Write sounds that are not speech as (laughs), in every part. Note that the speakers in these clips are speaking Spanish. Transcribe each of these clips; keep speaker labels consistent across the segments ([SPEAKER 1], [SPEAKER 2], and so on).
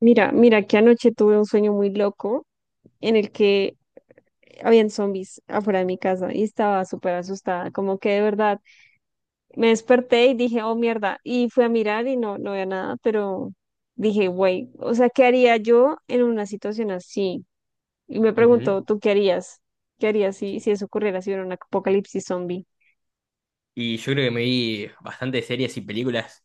[SPEAKER 1] Mira que anoche tuve un sueño muy loco en el que habían zombies afuera de mi casa y estaba súper asustada, como que de verdad me desperté y dije, oh mierda, y fui a mirar y no había nada, pero dije, güey, o sea, ¿qué haría yo en una situación así? Y me
[SPEAKER 2] Ujú.
[SPEAKER 1] preguntó, ¿tú qué harías? ¿Qué harías si eso ocurriera, si hubiera un apocalipsis zombie?
[SPEAKER 2] Y yo creo que me vi bastantes series y películas.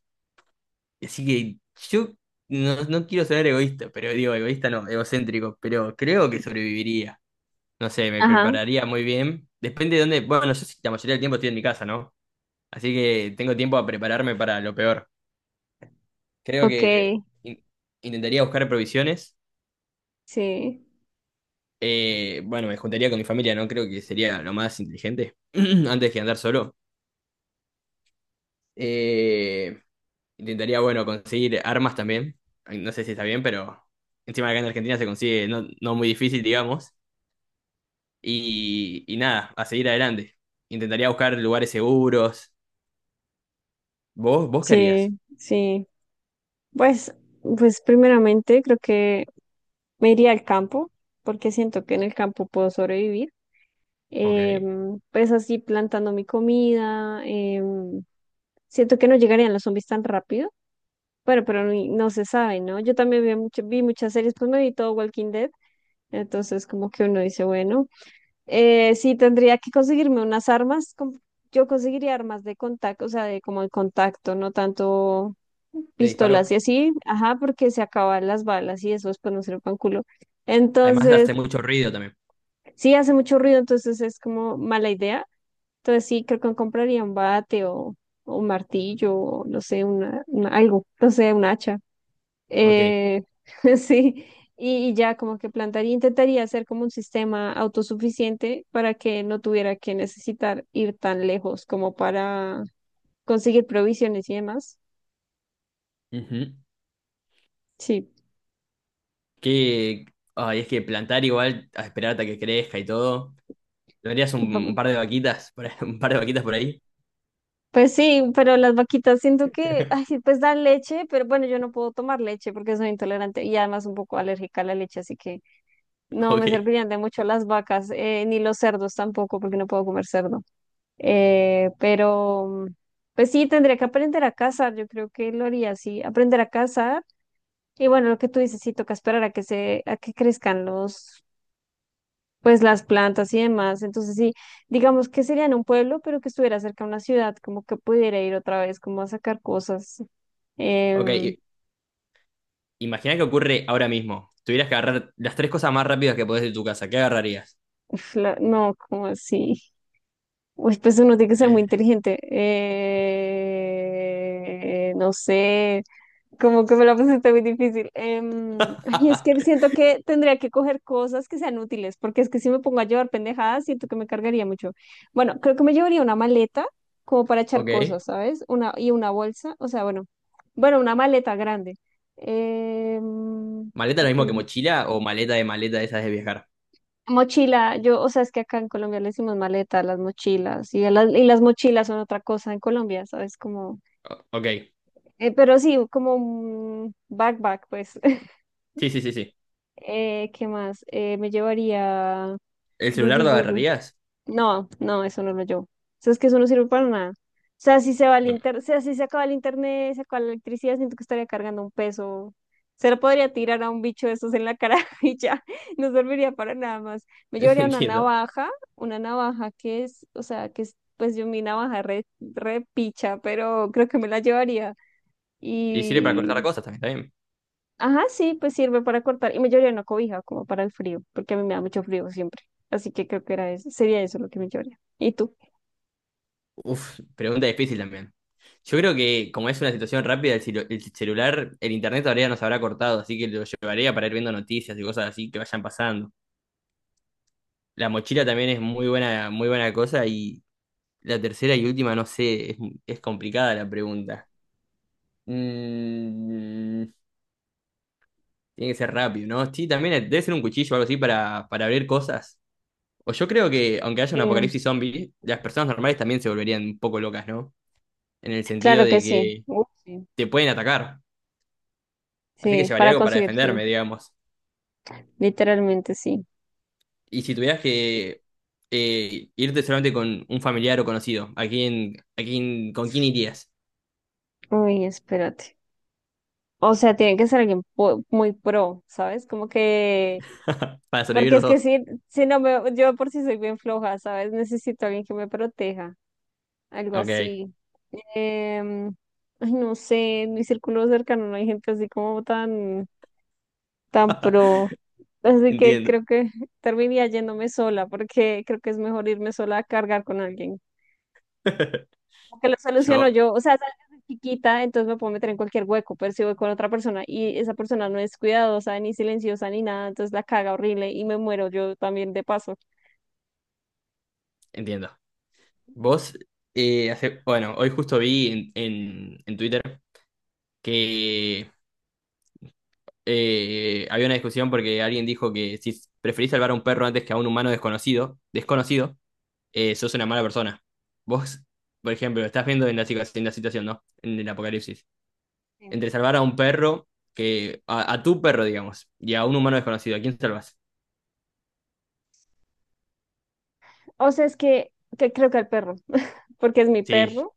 [SPEAKER 2] Así que yo no quiero sonar egoísta, pero digo, egoísta no, egocéntrico, pero creo que sobreviviría. No sé, me
[SPEAKER 1] Ajá,
[SPEAKER 2] prepararía muy bien. Depende de dónde. Bueno, yo sí, la mayoría del tiempo estoy en mi casa, ¿no? Así que tengo tiempo a prepararme para lo peor. Creo que
[SPEAKER 1] ok,
[SPEAKER 2] in- intentaría buscar provisiones.
[SPEAKER 1] sí,
[SPEAKER 2] Bueno, me juntaría con mi familia, ¿no? Creo que sería lo más inteligente (clears throat) antes que andar solo. Eh, Intentaría, bueno, conseguir armas también. No sé si está bien, pero encima acá en Argentina se consigue no muy difícil, digamos. Y nada, a seguir adelante. Intentaría buscar lugares seguros. ¿Vos qué harías?
[SPEAKER 1] sí, sí. Pues, pues primeramente creo que me iría al campo porque siento que en el campo puedo sobrevivir.
[SPEAKER 2] Ok. Te
[SPEAKER 1] Pues así plantando mi comida. Siento que no llegarían los zombies tan rápido. Bueno, pero no, se sabe, ¿no? Yo también vi, vi muchas series, pues me vi todo Walking Dead. Entonces como que uno dice, bueno, sí tendría que conseguirme unas armas. Yo conseguiría armas de contacto, o sea, de como el contacto, no tanto
[SPEAKER 2] disparo.
[SPEAKER 1] pistolas y así. Ajá, porque se acaban las balas y eso después no sirve para un culo.
[SPEAKER 2] Además
[SPEAKER 1] Entonces...
[SPEAKER 2] hace mucho ruido también.
[SPEAKER 1] Sí, hace mucho ruido, entonces es como mala idea. Entonces sí, creo que compraría un bate o un martillo, o no sé, algo, no sé, un hacha.
[SPEAKER 2] Ok.
[SPEAKER 1] Eh, (laughs) sí, y ya como que plantaría, intentaría hacer como un sistema autosuficiente para que no tuviera que necesitar ir tan lejos como para conseguir provisiones y demás.
[SPEAKER 2] Ujú.
[SPEAKER 1] Sí,
[SPEAKER 2] Que, ay, es que plantar igual, a esperar hasta que crezca y todo. ¿Tendrías un
[SPEAKER 1] no.
[SPEAKER 2] par de vaquitas por ahí? (laughs) ¿Un par de vaquitas por ahí?
[SPEAKER 1] Pues sí, pero las vaquitas siento que, ay,
[SPEAKER 2] (laughs)
[SPEAKER 1] sí, pues dan leche, pero bueno, yo no puedo tomar leche porque soy intolerante y además un poco alérgica a la leche, así que no me
[SPEAKER 2] Ok.
[SPEAKER 1] servirían de mucho las vacas, ni los cerdos tampoco, porque no puedo comer cerdo. Eh, pero, pues sí, tendría que aprender a cazar, yo creo que lo haría así, aprender a cazar. Y bueno, lo que tú dices, sí, toca esperar a que se, a que crezcan los, pues las plantas y demás. Entonces sí, digamos que sería en un pueblo, pero que estuviera cerca de una ciudad, como que pudiera ir otra vez, como a sacar cosas.
[SPEAKER 2] Ok.
[SPEAKER 1] Em,
[SPEAKER 2] Imagina que ocurre ahora mismo. Tuvieras que agarrar las tres cosas más rápidas que podés de tu casa. ¿Qué agarrarías?
[SPEAKER 1] Uf, no, como así. Uy, pues uno tiene que ser muy
[SPEAKER 2] Eh,
[SPEAKER 1] inteligente. No sé. Como que me la pusiste muy difícil. (laughs) Ay, es que
[SPEAKER 2] (laughs)
[SPEAKER 1] siento que tendría que coger cosas que sean útiles, porque es que si me pongo a llevar pendejadas, siento que me cargaría mucho. Bueno, creo que me llevaría una maleta como para echar
[SPEAKER 2] ok.
[SPEAKER 1] cosas, ¿sabes? Una, y una bolsa, o sea, bueno, bueno, una maleta grande. Em,
[SPEAKER 2] ¿Maleta lo mismo que
[SPEAKER 1] estoy-
[SPEAKER 2] mochila o maleta, de maleta de esas de viajar?
[SPEAKER 1] Mochila, yo, o sea, es que acá en Colombia le decimos maleta a las mochilas, y, a las, y las mochilas son otra cosa en Colombia, ¿sabes? Como,
[SPEAKER 2] Ok.
[SPEAKER 1] pero sí, como un backpack, pues.
[SPEAKER 2] Sí, sí, sí, sí.
[SPEAKER 1] ¿Qué más? Me llevaría...
[SPEAKER 2] ¿El celular lo
[SPEAKER 1] Rurururu.
[SPEAKER 2] agarrarías?
[SPEAKER 1] No, eso no lo llevo. Eso es que eso no sirve para nada. O sea, si se va el
[SPEAKER 2] Bueno,
[SPEAKER 1] inter... o sea, si se acaba el internet, se acaba la electricidad, siento que estaría cargando un peso. Se lo podría tirar a un bicho de esos en la cara (laughs) y ya, no serviría para nada más. Me
[SPEAKER 2] (laughs)
[SPEAKER 1] llevaría
[SPEAKER 2] entiendo.
[SPEAKER 1] una navaja que es, o sea, que es, pues yo mi navaja re picha, pero creo que me la llevaría.
[SPEAKER 2] Y sirve para cortar cosas también, está bien.
[SPEAKER 1] Ajá, sí, pues sirve para cortar. Y me llevaría una cobija como para el frío, porque a mí me da mucho frío siempre. Así que creo que era eso, sería eso lo que me llevaría. ¿Y tú?
[SPEAKER 2] Uf, pregunta difícil también. Yo creo que como es una situación rápida, el celular, el internet todavía nos habrá cortado, así que lo llevaría para ir viendo noticias y cosas así que vayan pasando. La mochila también es muy buena cosa. Y la tercera y última, no sé, es complicada la pregunta. Mm, tiene que ser rápido, ¿no? Sí, también debe ser un cuchillo o algo así para abrir cosas. O yo creo que, aunque haya
[SPEAKER 1] Sí,
[SPEAKER 2] un apocalipsis zombie, las personas normales también se volverían un poco locas, ¿no? En el sentido
[SPEAKER 1] claro que
[SPEAKER 2] de
[SPEAKER 1] sí.
[SPEAKER 2] que
[SPEAKER 1] Uf, sí.
[SPEAKER 2] te pueden atacar. Así que
[SPEAKER 1] Sí,
[SPEAKER 2] llevaría
[SPEAKER 1] para
[SPEAKER 2] algo para
[SPEAKER 1] conseguir, sí.
[SPEAKER 2] defenderme, digamos.
[SPEAKER 1] Literalmente sí.
[SPEAKER 2] Y si tuvieras que irte solamente con un familiar o conocido, a quién, con quién irías?
[SPEAKER 1] Uy, espérate. O sea, tiene que ser alguien muy pro, ¿sabes? Como que,
[SPEAKER 2] (laughs) Para sobrevivir
[SPEAKER 1] porque
[SPEAKER 2] los
[SPEAKER 1] es que
[SPEAKER 2] dos.
[SPEAKER 1] si no me, yo por si soy bien floja, ¿sabes? Necesito a alguien que me proteja, algo
[SPEAKER 2] Ok,
[SPEAKER 1] así. Em, Ay, no sé, en mi círculo cercano no hay gente así como tan tan pro. Así que
[SPEAKER 2] entiendo.
[SPEAKER 1] creo que terminaría yéndome sola, porque creo que es mejor irme sola a cargar con alguien.
[SPEAKER 2] (laughs)
[SPEAKER 1] Porque lo soluciono
[SPEAKER 2] Yo.
[SPEAKER 1] yo, o sea, sabes, desde chiquita, entonces me puedo meter en cualquier hueco, pero si voy con otra persona y esa persona no es cuidadosa, ni silenciosa, ni nada, entonces la caga horrible y me muero yo también de paso.
[SPEAKER 2] Entiendo. Vos, hace, bueno, hoy justo vi en Twitter que había una discusión porque alguien dijo que si preferís salvar a un perro antes que a un humano desconocido, sos una mala persona. Vos, por ejemplo, estás viendo en la, en la situación, ¿no? En el apocalipsis.
[SPEAKER 1] Sí.
[SPEAKER 2] Entre salvar a un perro, que a tu perro, digamos, y a un humano desconocido, ¿a quién salvas?
[SPEAKER 1] O sea, es que creo que al perro, (laughs) porque es mi
[SPEAKER 2] Sí,
[SPEAKER 1] perro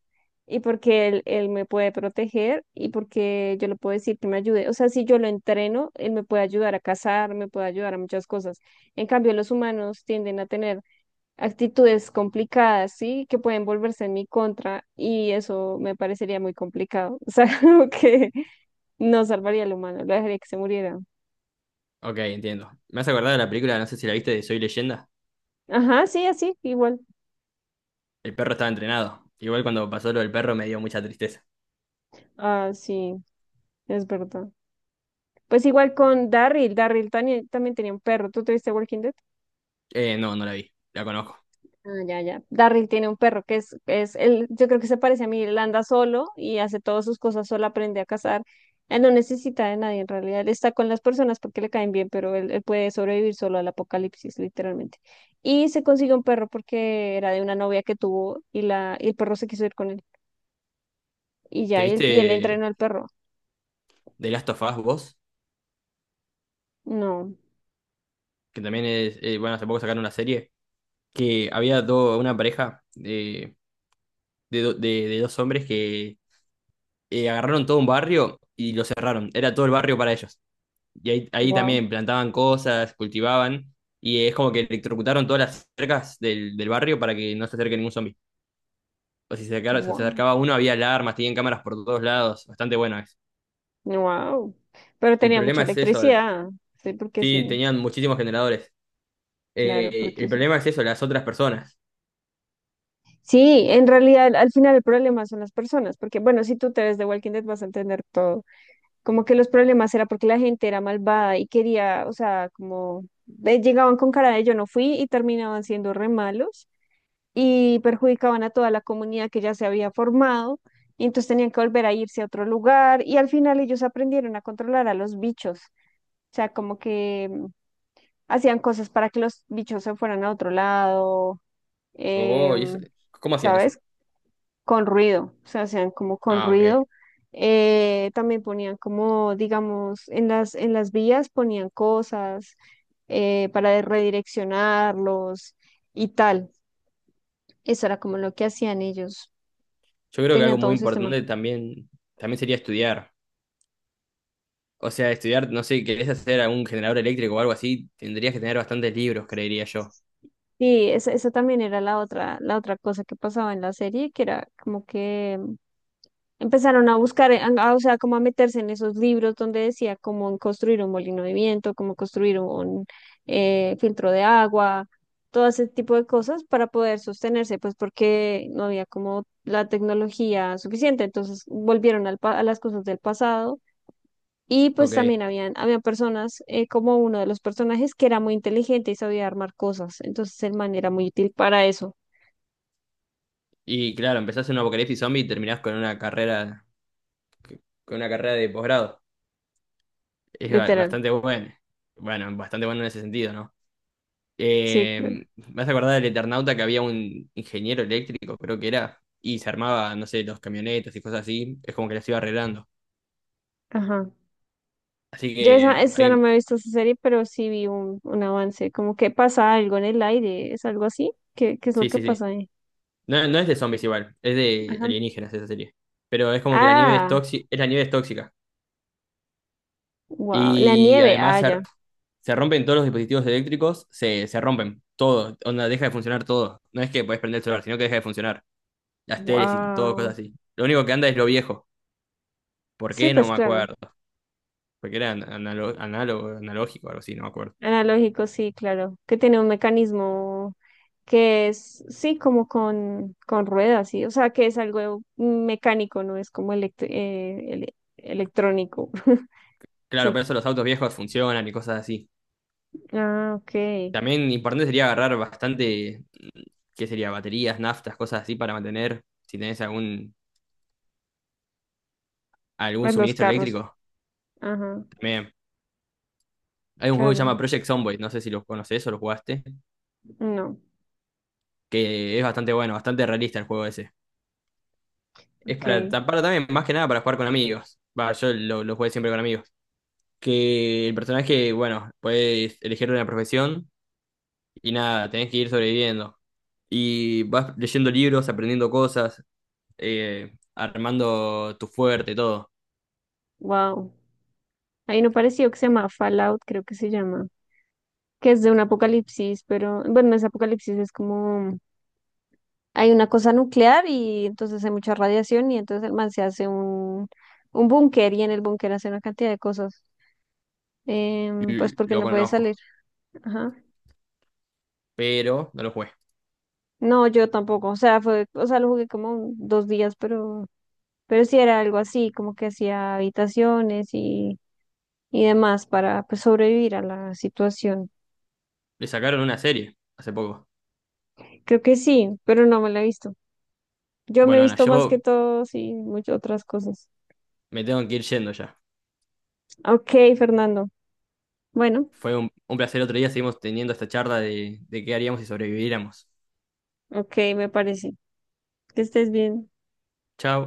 [SPEAKER 1] y porque él me puede proteger y porque yo le puedo decir que me ayude. O sea, si yo lo entreno, él me puede ayudar a cazar, me puede ayudar a muchas cosas. En cambio, los humanos tienden a tener actitudes complicadas, ¿sí? Que pueden volverse en mi contra y eso me parecería muy complicado. (laughs) O sea, como que no salvaría al humano, lo dejaría que se muriera.
[SPEAKER 2] ok, entiendo. Me has acordado de la película, no sé si la viste, de Soy Leyenda.
[SPEAKER 1] Ajá, sí, así, igual.
[SPEAKER 2] El perro estaba entrenado. Igual cuando pasó lo del perro me dio mucha tristeza.
[SPEAKER 1] Ah, sí, es verdad. Pues igual con Darryl, Darryl también, también tenía un perro. ¿Tú tuviste Walking Dead?
[SPEAKER 2] No la vi. La conozco.
[SPEAKER 1] Ah, ya, ya. Darryl tiene un perro que es él, yo creo que se parece a mí, él anda solo y hace todas sus cosas solo, aprende a cazar. Él no necesita de nadie en realidad, él está con las personas porque le caen bien, pero él puede sobrevivir solo al apocalipsis, literalmente. Y se consiguió un perro porque era de una novia que tuvo y, la, y el perro se quiso ir con él. Y
[SPEAKER 2] ¿Te
[SPEAKER 1] ya, y él
[SPEAKER 2] viste
[SPEAKER 1] entrenó al perro.
[SPEAKER 2] The Last of Us vos?
[SPEAKER 1] No,
[SPEAKER 2] Que también es. Bueno, hace poco sacaron una serie. Que había una pareja de, de dos hombres que agarraron todo un barrio y lo cerraron. Era todo el barrio para ellos. Y ahí
[SPEAKER 1] wow,
[SPEAKER 2] también plantaban cosas, cultivaban. Y es como que electrocutaron todas las cercas del barrio para que no se acerque ningún zombie. O si se acercaba, se
[SPEAKER 1] wow.
[SPEAKER 2] acercaba uno, había alarmas, tenían cámaras por todos lados. Bastante bueno.
[SPEAKER 1] Wow, pero
[SPEAKER 2] El
[SPEAKER 1] tenía mucha
[SPEAKER 2] problema es eso.
[SPEAKER 1] electricidad. Sí, porque
[SPEAKER 2] Sí,
[SPEAKER 1] sí,
[SPEAKER 2] tenían muchísimos generadores.
[SPEAKER 1] claro,
[SPEAKER 2] El
[SPEAKER 1] porque sí.
[SPEAKER 2] problema es eso, las otras personas.
[SPEAKER 1] Sí, en realidad al final el problema son las personas, porque bueno, si tú te ves de Walking Dead vas a entender todo. Como que los problemas era porque la gente era malvada y quería, o sea, como llegaban con cara de yo no fui y terminaban siendo re malos y perjudicaban a toda la comunidad que ya se había formado. Y entonces tenían que volver a irse a otro lugar y al final ellos aprendieron a controlar a los bichos. O sea, como que hacían cosas para que los bichos se fueran a otro lado,
[SPEAKER 2] Oh, ¿y eso?
[SPEAKER 1] em,
[SPEAKER 2] ¿Cómo hacían eso?
[SPEAKER 1] ¿sabes? Con ruido, o sea, hacían como con
[SPEAKER 2] Ah, ok.
[SPEAKER 1] ruido. También ponían como, digamos, en las vías ponían cosas redireccionarlos y tal. Eso era como lo que hacían ellos.
[SPEAKER 2] Yo creo que
[SPEAKER 1] Tenían
[SPEAKER 2] algo
[SPEAKER 1] todo
[SPEAKER 2] muy
[SPEAKER 1] un sistema.
[SPEAKER 2] importante también, también sería estudiar. O sea, estudiar, no sé, querés hacer algún generador eléctrico o algo así, tendrías que tener bastantes libros, creería yo.
[SPEAKER 1] Sí, esa también era la otra cosa que pasaba en la serie, que era como que empezaron a buscar, o sea, como a meterse en esos libros donde decía cómo construir un molino de viento, cómo construir un filtro de agua, todo ese tipo de cosas para poder sostenerse, pues porque no había como la tecnología suficiente. Entonces volvieron al a las cosas del pasado y pues también
[SPEAKER 2] Ok.
[SPEAKER 1] habían, había personas como uno de los personajes que era muy inteligente y sabía armar cosas. Entonces el man era muy útil para eso,
[SPEAKER 2] Y claro, empezás en un apocalipsis zombie y terminás con una carrera de posgrado. Es
[SPEAKER 1] literal.
[SPEAKER 2] bastante bueno. Bueno, bastante bueno en ese sentido, ¿no?
[SPEAKER 1] Sí,
[SPEAKER 2] Eh,
[SPEAKER 1] claro.
[SPEAKER 2] ¿Me vas a acordar del Eternauta que había un ingeniero eléctrico, creo que era, y se armaba, no sé, los camionetas y cosas así? Es como que las iba arreglando.
[SPEAKER 1] Ajá.
[SPEAKER 2] Así
[SPEAKER 1] Yo esa,
[SPEAKER 2] que,
[SPEAKER 1] esa no
[SPEAKER 2] alguien…
[SPEAKER 1] me he visto esa serie, pero sí vi un avance, como que pasa algo en el aire, ¿es algo así? ¿Qué, qué es lo
[SPEAKER 2] Sí,
[SPEAKER 1] que
[SPEAKER 2] sí, sí.
[SPEAKER 1] pasa ahí?
[SPEAKER 2] No, no es de zombies igual, es de
[SPEAKER 1] Ajá.
[SPEAKER 2] alienígenas esa serie. Pero es como que la nieve es
[SPEAKER 1] Ah,
[SPEAKER 2] tóxica, es la nieve es tóxica.
[SPEAKER 1] wow, la
[SPEAKER 2] Y
[SPEAKER 1] nieve,
[SPEAKER 2] además
[SPEAKER 1] ah,
[SPEAKER 2] se,
[SPEAKER 1] ya,
[SPEAKER 2] se rompen todos los dispositivos eléctricos, se rompen, todo, onda, deja de funcionar todo. No es que podés prender el celular, sino que deja de funcionar. Las teles y todo,
[SPEAKER 1] wow.
[SPEAKER 2] cosas así. Lo único que anda es lo viejo. ¿Por
[SPEAKER 1] Sí,
[SPEAKER 2] qué? No
[SPEAKER 1] pues
[SPEAKER 2] me
[SPEAKER 1] claro,
[SPEAKER 2] acuerdo. Porque era análogo, analógico, algo así, no me acuerdo.
[SPEAKER 1] analógico, sí, claro, que tiene un mecanismo que es, sí, como con ruedas, sí, o sea, que es algo mecánico, no es como electrónico, (laughs)
[SPEAKER 2] Claro,
[SPEAKER 1] sí.
[SPEAKER 2] pero eso los autos viejos funcionan y cosas así.
[SPEAKER 1] Ah, ok,
[SPEAKER 2] También importante sería agarrar bastante, ¿qué sería? Baterías, naftas, cosas así para mantener, si tenés algún, algún
[SPEAKER 1] pues los
[SPEAKER 2] suministro
[SPEAKER 1] carros,
[SPEAKER 2] eléctrico.
[SPEAKER 1] ajá,
[SPEAKER 2] También. Hay un juego que se
[SPEAKER 1] claro,
[SPEAKER 2] llama Project Zomboid, no sé si lo conoces o lo jugaste,
[SPEAKER 1] no.
[SPEAKER 2] que es bastante bueno, bastante realista el juego ese. Es
[SPEAKER 1] Ok,
[SPEAKER 2] para también, más que nada, para jugar con amigos. Va, lo jugué siempre con amigos. Que el personaje, bueno, puedes elegir una profesión y nada, tenés que ir sobreviviendo. Y vas leyendo libros, aprendiendo cosas, armando tu fuerte, todo.
[SPEAKER 1] wow. Hay uno parecido que se llama Fallout, creo que se llama, que es de un apocalipsis, pero bueno, ese apocalipsis es como hay una cosa nuclear y entonces hay mucha radiación y entonces el man se hace un búnker y en el búnker hace una cantidad de cosas, pues porque
[SPEAKER 2] Lo
[SPEAKER 1] no puede salir.
[SPEAKER 2] conozco,
[SPEAKER 1] Ajá.
[SPEAKER 2] pero no lo jugué.
[SPEAKER 1] No, yo tampoco, o sea, fue, o sea, lo jugué como dos días, pero sí era algo así, como que hacía habitaciones y demás para pues, sobrevivir a la situación.
[SPEAKER 2] Le sacaron una serie hace poco.
[SPEAKER 1] Creo que sí, pero no me la he visto. Yo me he
[SPEAKER 2] Bueno, Ana,
[SPEAKER 1] visto más que
[SPEAKER 2] yo
[SPEAKER 1] todo, sí, muchas otras cosas.
[SPEAKER 2] me tengo que ir yendo ya.
[SPEAKER 1] Ok, Fernando. Bueno,
[SPEAKER 2] Fue un placer. Otro día, seguimos teniendo esta charla de qué haríamos si sobreviviéramos.
[SPEAKER 1] ok, me parece. Que estés bien.
[SPEAKER 2] Chao.